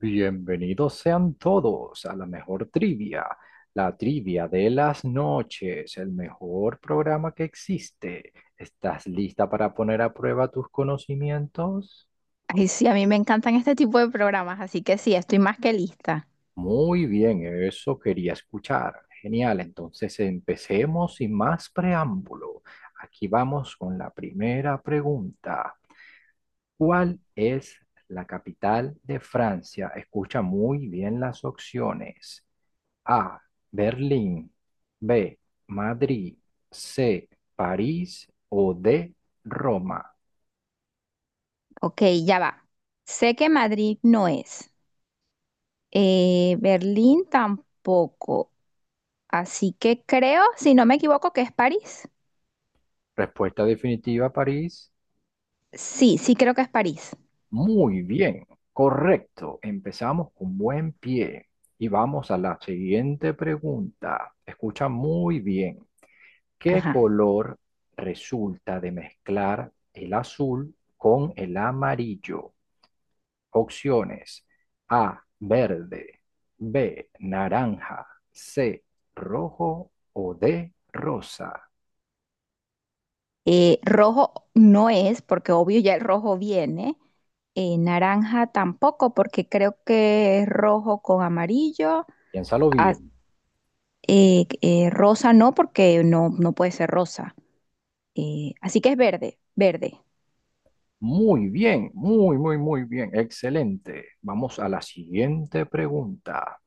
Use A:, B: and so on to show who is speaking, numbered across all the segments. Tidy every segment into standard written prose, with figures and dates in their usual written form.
A: Bienvenidos sean todos a la mejor trivia, la trivia de las noches, el mejor programa que existe. ¿Estás lista para poner a prueba tus conocimientos?
B: Ay, sí, a mí me encantan este tipo de programas, así que sí, estoy más que lista.
A: Muy bien, eso quería escuchar. Genial, entonces empecemos sin más preámbulo. Aquí vamos con la primera pregunta. ¿Cuál es la capital de Francia? Escucha muy bien las opciones. A. Berlín. B. Madrid. C. París. O D. Roma.
B: Ok, ya va. Sé que Madrid no es, Berlín tampoco, así que creo, si no me equivoco, que es París.
A: Respuesta definitiva, París.
B: Sí, sí creo que es París.
A: Muy bien, correcto. Empezamos con buen pie. Y vamos a la siguiente pregunta. Escucha muy bien. ¿Qué
B: Ajá.
A: color resulta de mezclar el azul con el amarillo? Opciones A, verde, B, naranja, C, rojo o D, rosa.
B: Rojo no es, porque obvio ya el rojo viene. Naranja tampoco, porque creo que es rojo con amarillo.
A: Piénsalo
B: Ah,
A: bien.
B: Rosa no, porque no, no puede ser rosa. Así que es verde, verde.
A: Muy bien, muy, muy, muy bien. Excelente. Vamos a la siguiente pregunta.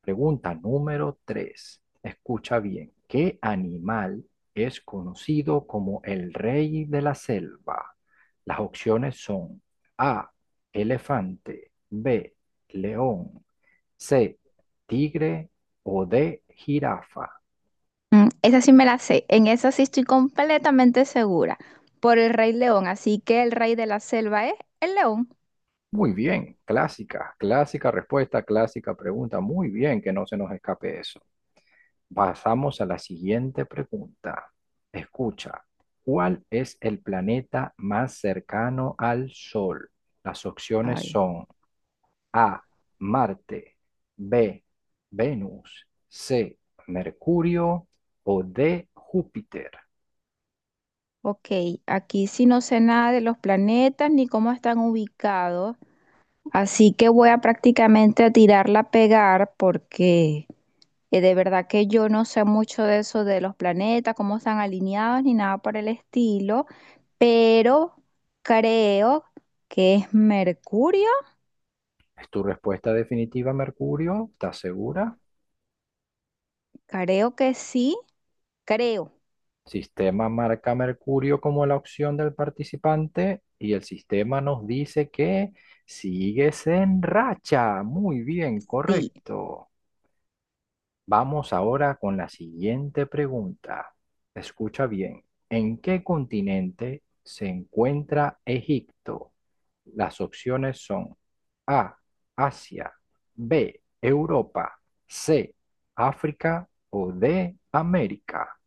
A: Pregunta número 3. Escucha bien. ¿Qué animal es conocido como el rey de la selva? Las opciones son A, elefante, B, león, C, tigre o D, jirafa.
B: Mm, esa sí me la sé, en esa sí estoy completamente segura, por el Rey León, así que el rey de la selva es el león.
A: Muy bien, clásica, clásica respuesta, clásica pregunta. Muy bien, que no se nos escape eso. Pasamos a la siguiente pregunta. Escucha, ¿cuál es el planeta más cercano al Sol? Las opciones
B: Ay,
A: son A, Marte, B, Venus, C, Mercurio o D, Júpiter.
B: ok, aquí sí no sé nada de los planetas ni cómo están ubicados, así que voy a prácticamente a tirarla a pegar porque de verdad que yo no sé mucho de eso de los planetas, cómo están alineados ni nada por el estilo, pero creo que es Mercurio,
A: ¿Es tu respuesta definitiva, Mercurio? ¿Estás segura?
B: creo que sí, creo,
A: Sistema marca Mercurio como la opción del participante y el sistema nos dice que sigues en racha. Muy bien,
B: sí.
A: correcto. Vamos ahora con la siguiente pregunta. Escucha bien. ¿En qué continente se encuentra Egipto? Las opciones son A, Asia, B, Europa, C, África o D, América.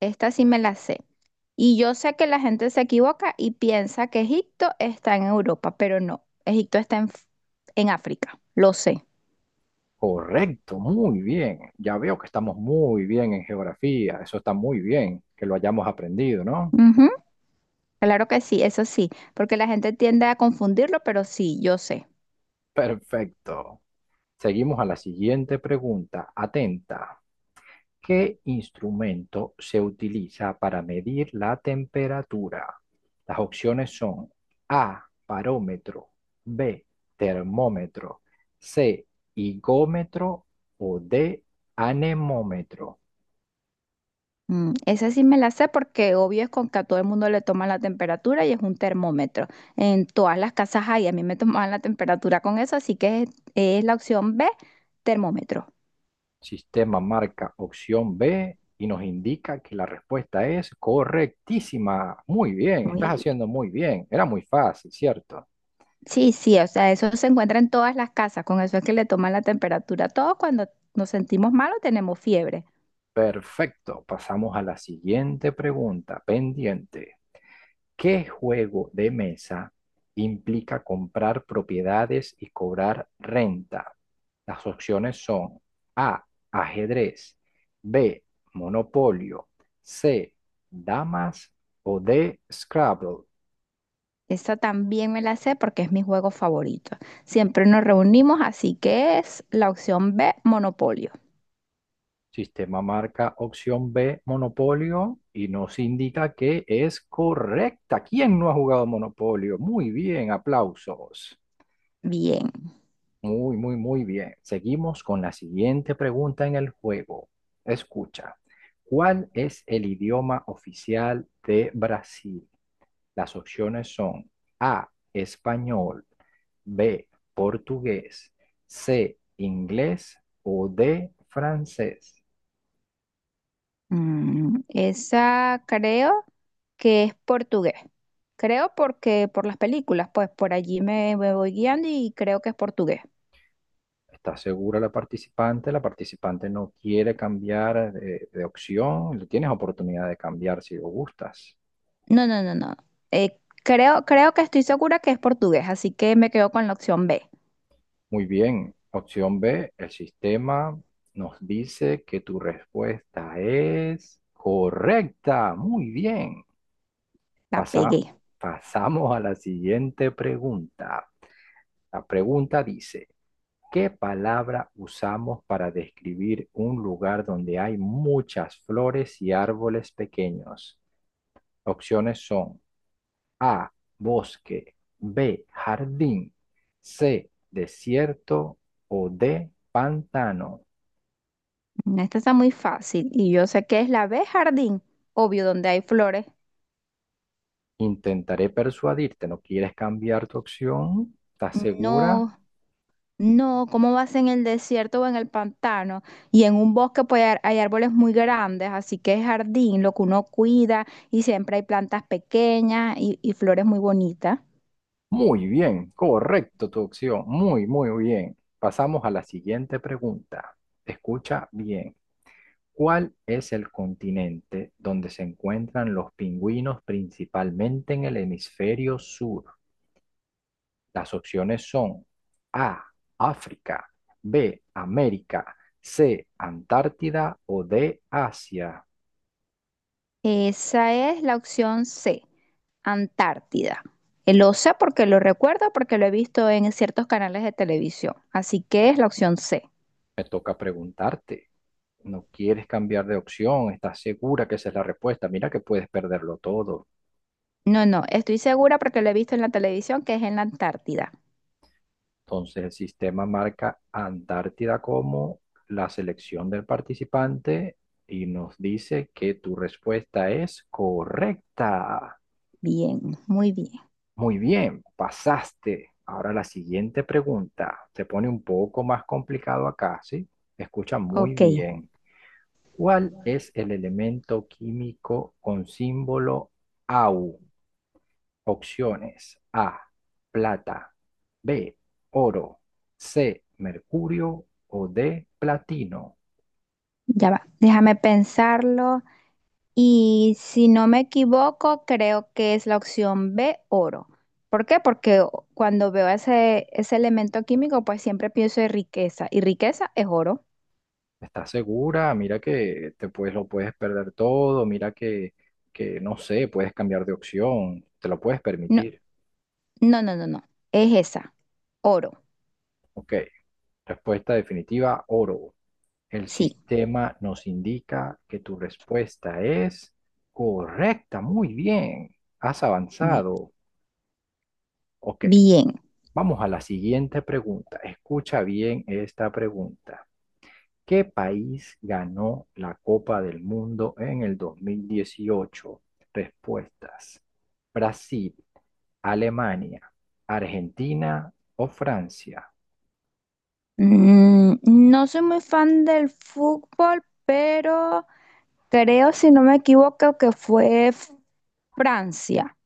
B: Esta sí me la sé. Y yo sé que la gente se equivoca y piensa que Egipto está en Europa, pero no. Egipto está en África, lo sé.
A: Correcto, muy bien. Ya veo que estamos muy bien en geografía. Eso está muy bien que lo hayamos aprendido, ¿no?
B: Ujú, claro que sí, eso sí, porque la gente tiende a confundirlo, pero sí, yo sé.
A: Perfecto. Seguimos a la siguiente pregunta. Atenta. ¿Qué instrumento se utiliza para medir la temperatura? Las opciones son A, parómetro, B, termómetro, C, higómetro o D, anemómetro.
B: Mm, esa sí me la sé porque obvio es con que a todo el mundo le toman la temperatura y es un termómetro. En todas las casas hay, a mí me tomaban la temperatura con eso, así es la opción B, termómetro.
A: Sistema marca opción B y nos indica que la respuesta es correctísima. Muy bien,
B: Muy
A: estás
B: bien.
A: haciendo muy bien. Era muy fácil, ¿cierto?
B: Sí, sí, o sea, eso se encuentra en todas las casas, con eso es que le toman la temperatura. Todos cuando nos sentimos mal o tenemos fiebre.
A: Perfecto. Pasamos a la siguiente pregunta pendiente. ¿Qué juego de mesa implica comprar propiedades y cobrar renta? Las opciones son A, ajedrez, B, monopolio, C, damas o D, Scrabble.
B: Esa también me la sé porque es mi juego favorito. Siempre nos reunimos, así que es la opción B, Monopolio.
A: Sistema marca opción B, Monopolio, y nos indica que es correcta. ¿Quién no ha jugado Monopolio? Muy bien, aplausos.
B: Bien.
A: Muy, muy, muy bien. Seguimos con la siguiente pregunta en el juego. Escucha, ¿cuál es el idioma oficial de Brasil? Las opciones son A, español, B, portugués, C, inglés o D, francés.
B: Mm, esa creo que es portugués. Creo porque por las películas, pues por allí me voy guiando y creo que es portugués.
A: Está segura la participante no quiere cambiar de opción, le tienes oportunidad de cambiar si lo gustas.
B: No, no, no, no. Eh, Creo, creo que estoy segura que es portugués, así que me quedo con la opción B.
A: Muy bien, opción B, el sistema nos dice que tu respuesta es correcta. Muy bien.
B: La
A: Pasa-
B: pegué.
A: Pasamos a la siguiente pregunta. La pregunta dice, ¿qué palabra usamos para describir un lugar donde hay muchas flores y árboles pequeños? Opciones son A, bosque, B, jardín, C, desierto o D, pantano.
B: Esta está muy fácil y yo sé que es la B, jardín, obvio, donde hay flores.
A: Intentaré persuadirte, ¿no quieres cambiar tu opción? ¿Estás segura?
B: No, no, ¿cómo vas en el desierto o en el pantano? Y en un bosque pues hay hay árboles muy grandes, así que es jardín, lo que uno cuida y siempre hay plantas pequeñas y flores muy bonitas.
A: Muy bien, correcto tu opción, muy, muy bien. Pasamos a la siguiente pregunta. Escucha bien. ¿Cuál es el continente donde se encuentran los pingüinos principalmente en el hemisferio sur? Las opciones son A, África, B, América, C, Antártida o D, Asia.
B: Esa es la opción C, Antártida. Lo sé porque lo recuerdo, porque lo he visto en ciertos canales de televisión, así que es la opción C.
A: Me toca preguntarte. No quieres cambiar de opción, estás segura que esa es la respuesta. Mira que puedes perderlo todo.
B: No, no, estoy segura porque lo he visto en la televisión que es en la Antártida.
A: Entonces el sistema marca Antártida como la selección del participante y nos dice que tu respuesta es correcta.
B: Bien, muy bien.
A: Muy bien, pasaste. Ahora la siguiente pregunta. Se pone un poco más complicado acá, ¿sí? Escucha muy
B: Ok,
A: bien. ¿Cuál es el elemento químico con símbolo AU? Opciones A, plata, B, oro, C, mercurio o D, platino.
B: ya va. Déjame pensarlo. Y si no me equivoco, creo que es la opción B, oro. ¿Por qué? Cuando veo ese elemento químico, pues siempre pienso en riqueza. Y riqueza es oro.
A: ¿Estás segura? Mira que te puedes, lo puedes perder todo, mira que no sé, puedes cambiar de opción, te lo puedes
B: No,
A: permitir.
B: no, no, no, no. Es esa. Oro.
A: Ok, respuesta definitiva, oro. El
B: Sí,
A: sistema nos indica que tu respuesta es correcta. Muy bien, has
B: muy
A: avanzado. Ok,
B: bien.
A: vamos a la siguiente pregunta. Escucha bien esta pregunta. ¿Qué país ganó la Copa del Mundo en el 2018? Respuestas. Brasil, Alemania, Argentina o Francia.
B: Mm, no soy muy fan del fútbol, pero creo, si no me equivoco, Francia.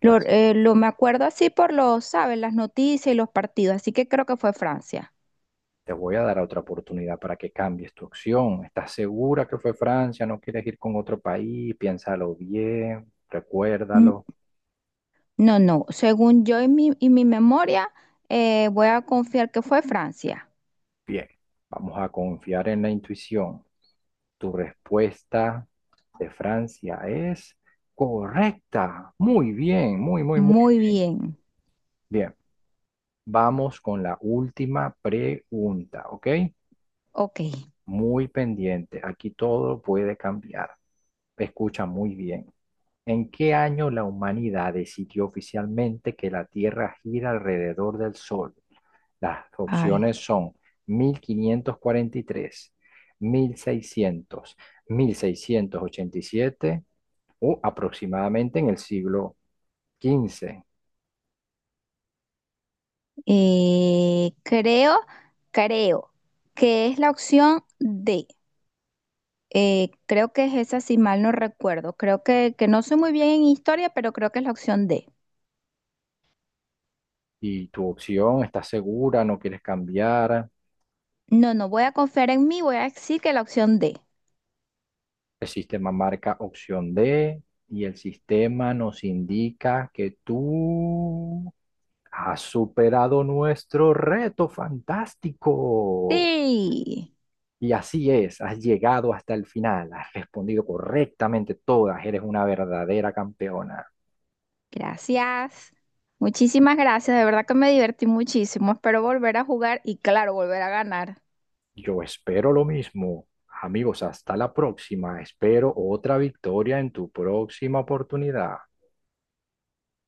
B: Me acuerdo así por los, ¿sabes? Las noticias y los partidos, así que creo que fue Francia.
A: Te voy a dar otra oportunidad para que cambies tu opción. ¿Estás segura que fue Francia? ¿No quieres ir con otro país? Piénsalo bien,
B: N-
A: recuérdalo.
B: No, no, según yo y y mi memoria, voy a confiar que fue Francia.
A: Bien, vamos a confiar en la intuición. Tu respuesta de Francia es correcta. Muy bien, muy, muy, muy
B: Muy
A: bien.
B: bien,
A: Bien, vamos con la última pregunta, ¿ok?
B: ok.
A: Muy pendiente. Aquí todo puede cambiar. Escucha muy bien. ¿En qué año la humanidad decidió oficialmente que la Tierra gira alrededor del Sol? Las
B: Ay,
A: opciones son 1543, 1600, 1687 o aproximadamente en el siglo XV.
B: creo, creo que es la opción D. Creo que es esa, si mal no recuerdo. Creo que no soy muy bien en historia, pero creo que es la opción D.
A: Y tu opción, ¿estás segura? ¿No quieres cambiar?
B: No, no voy a confiar en mí, voy a decir que la opción D.
A: El sistema marca opción D y el sistema nos indica que tú has superado nuestro reto fantástico.
B: Sí,
A: Y así es, has llegado hasta el final, has respondido correctamente todas, eres una verdadera campeona.
B: gracias. Muchísimas gracias, de verdad que me divertí muchísimo. Espero volver a jugar y claro, volver a ganar.
A: Yo espero lo mismo. Amigos, hasta la próxima. Espero otra victoria en tu próxima oportunidad.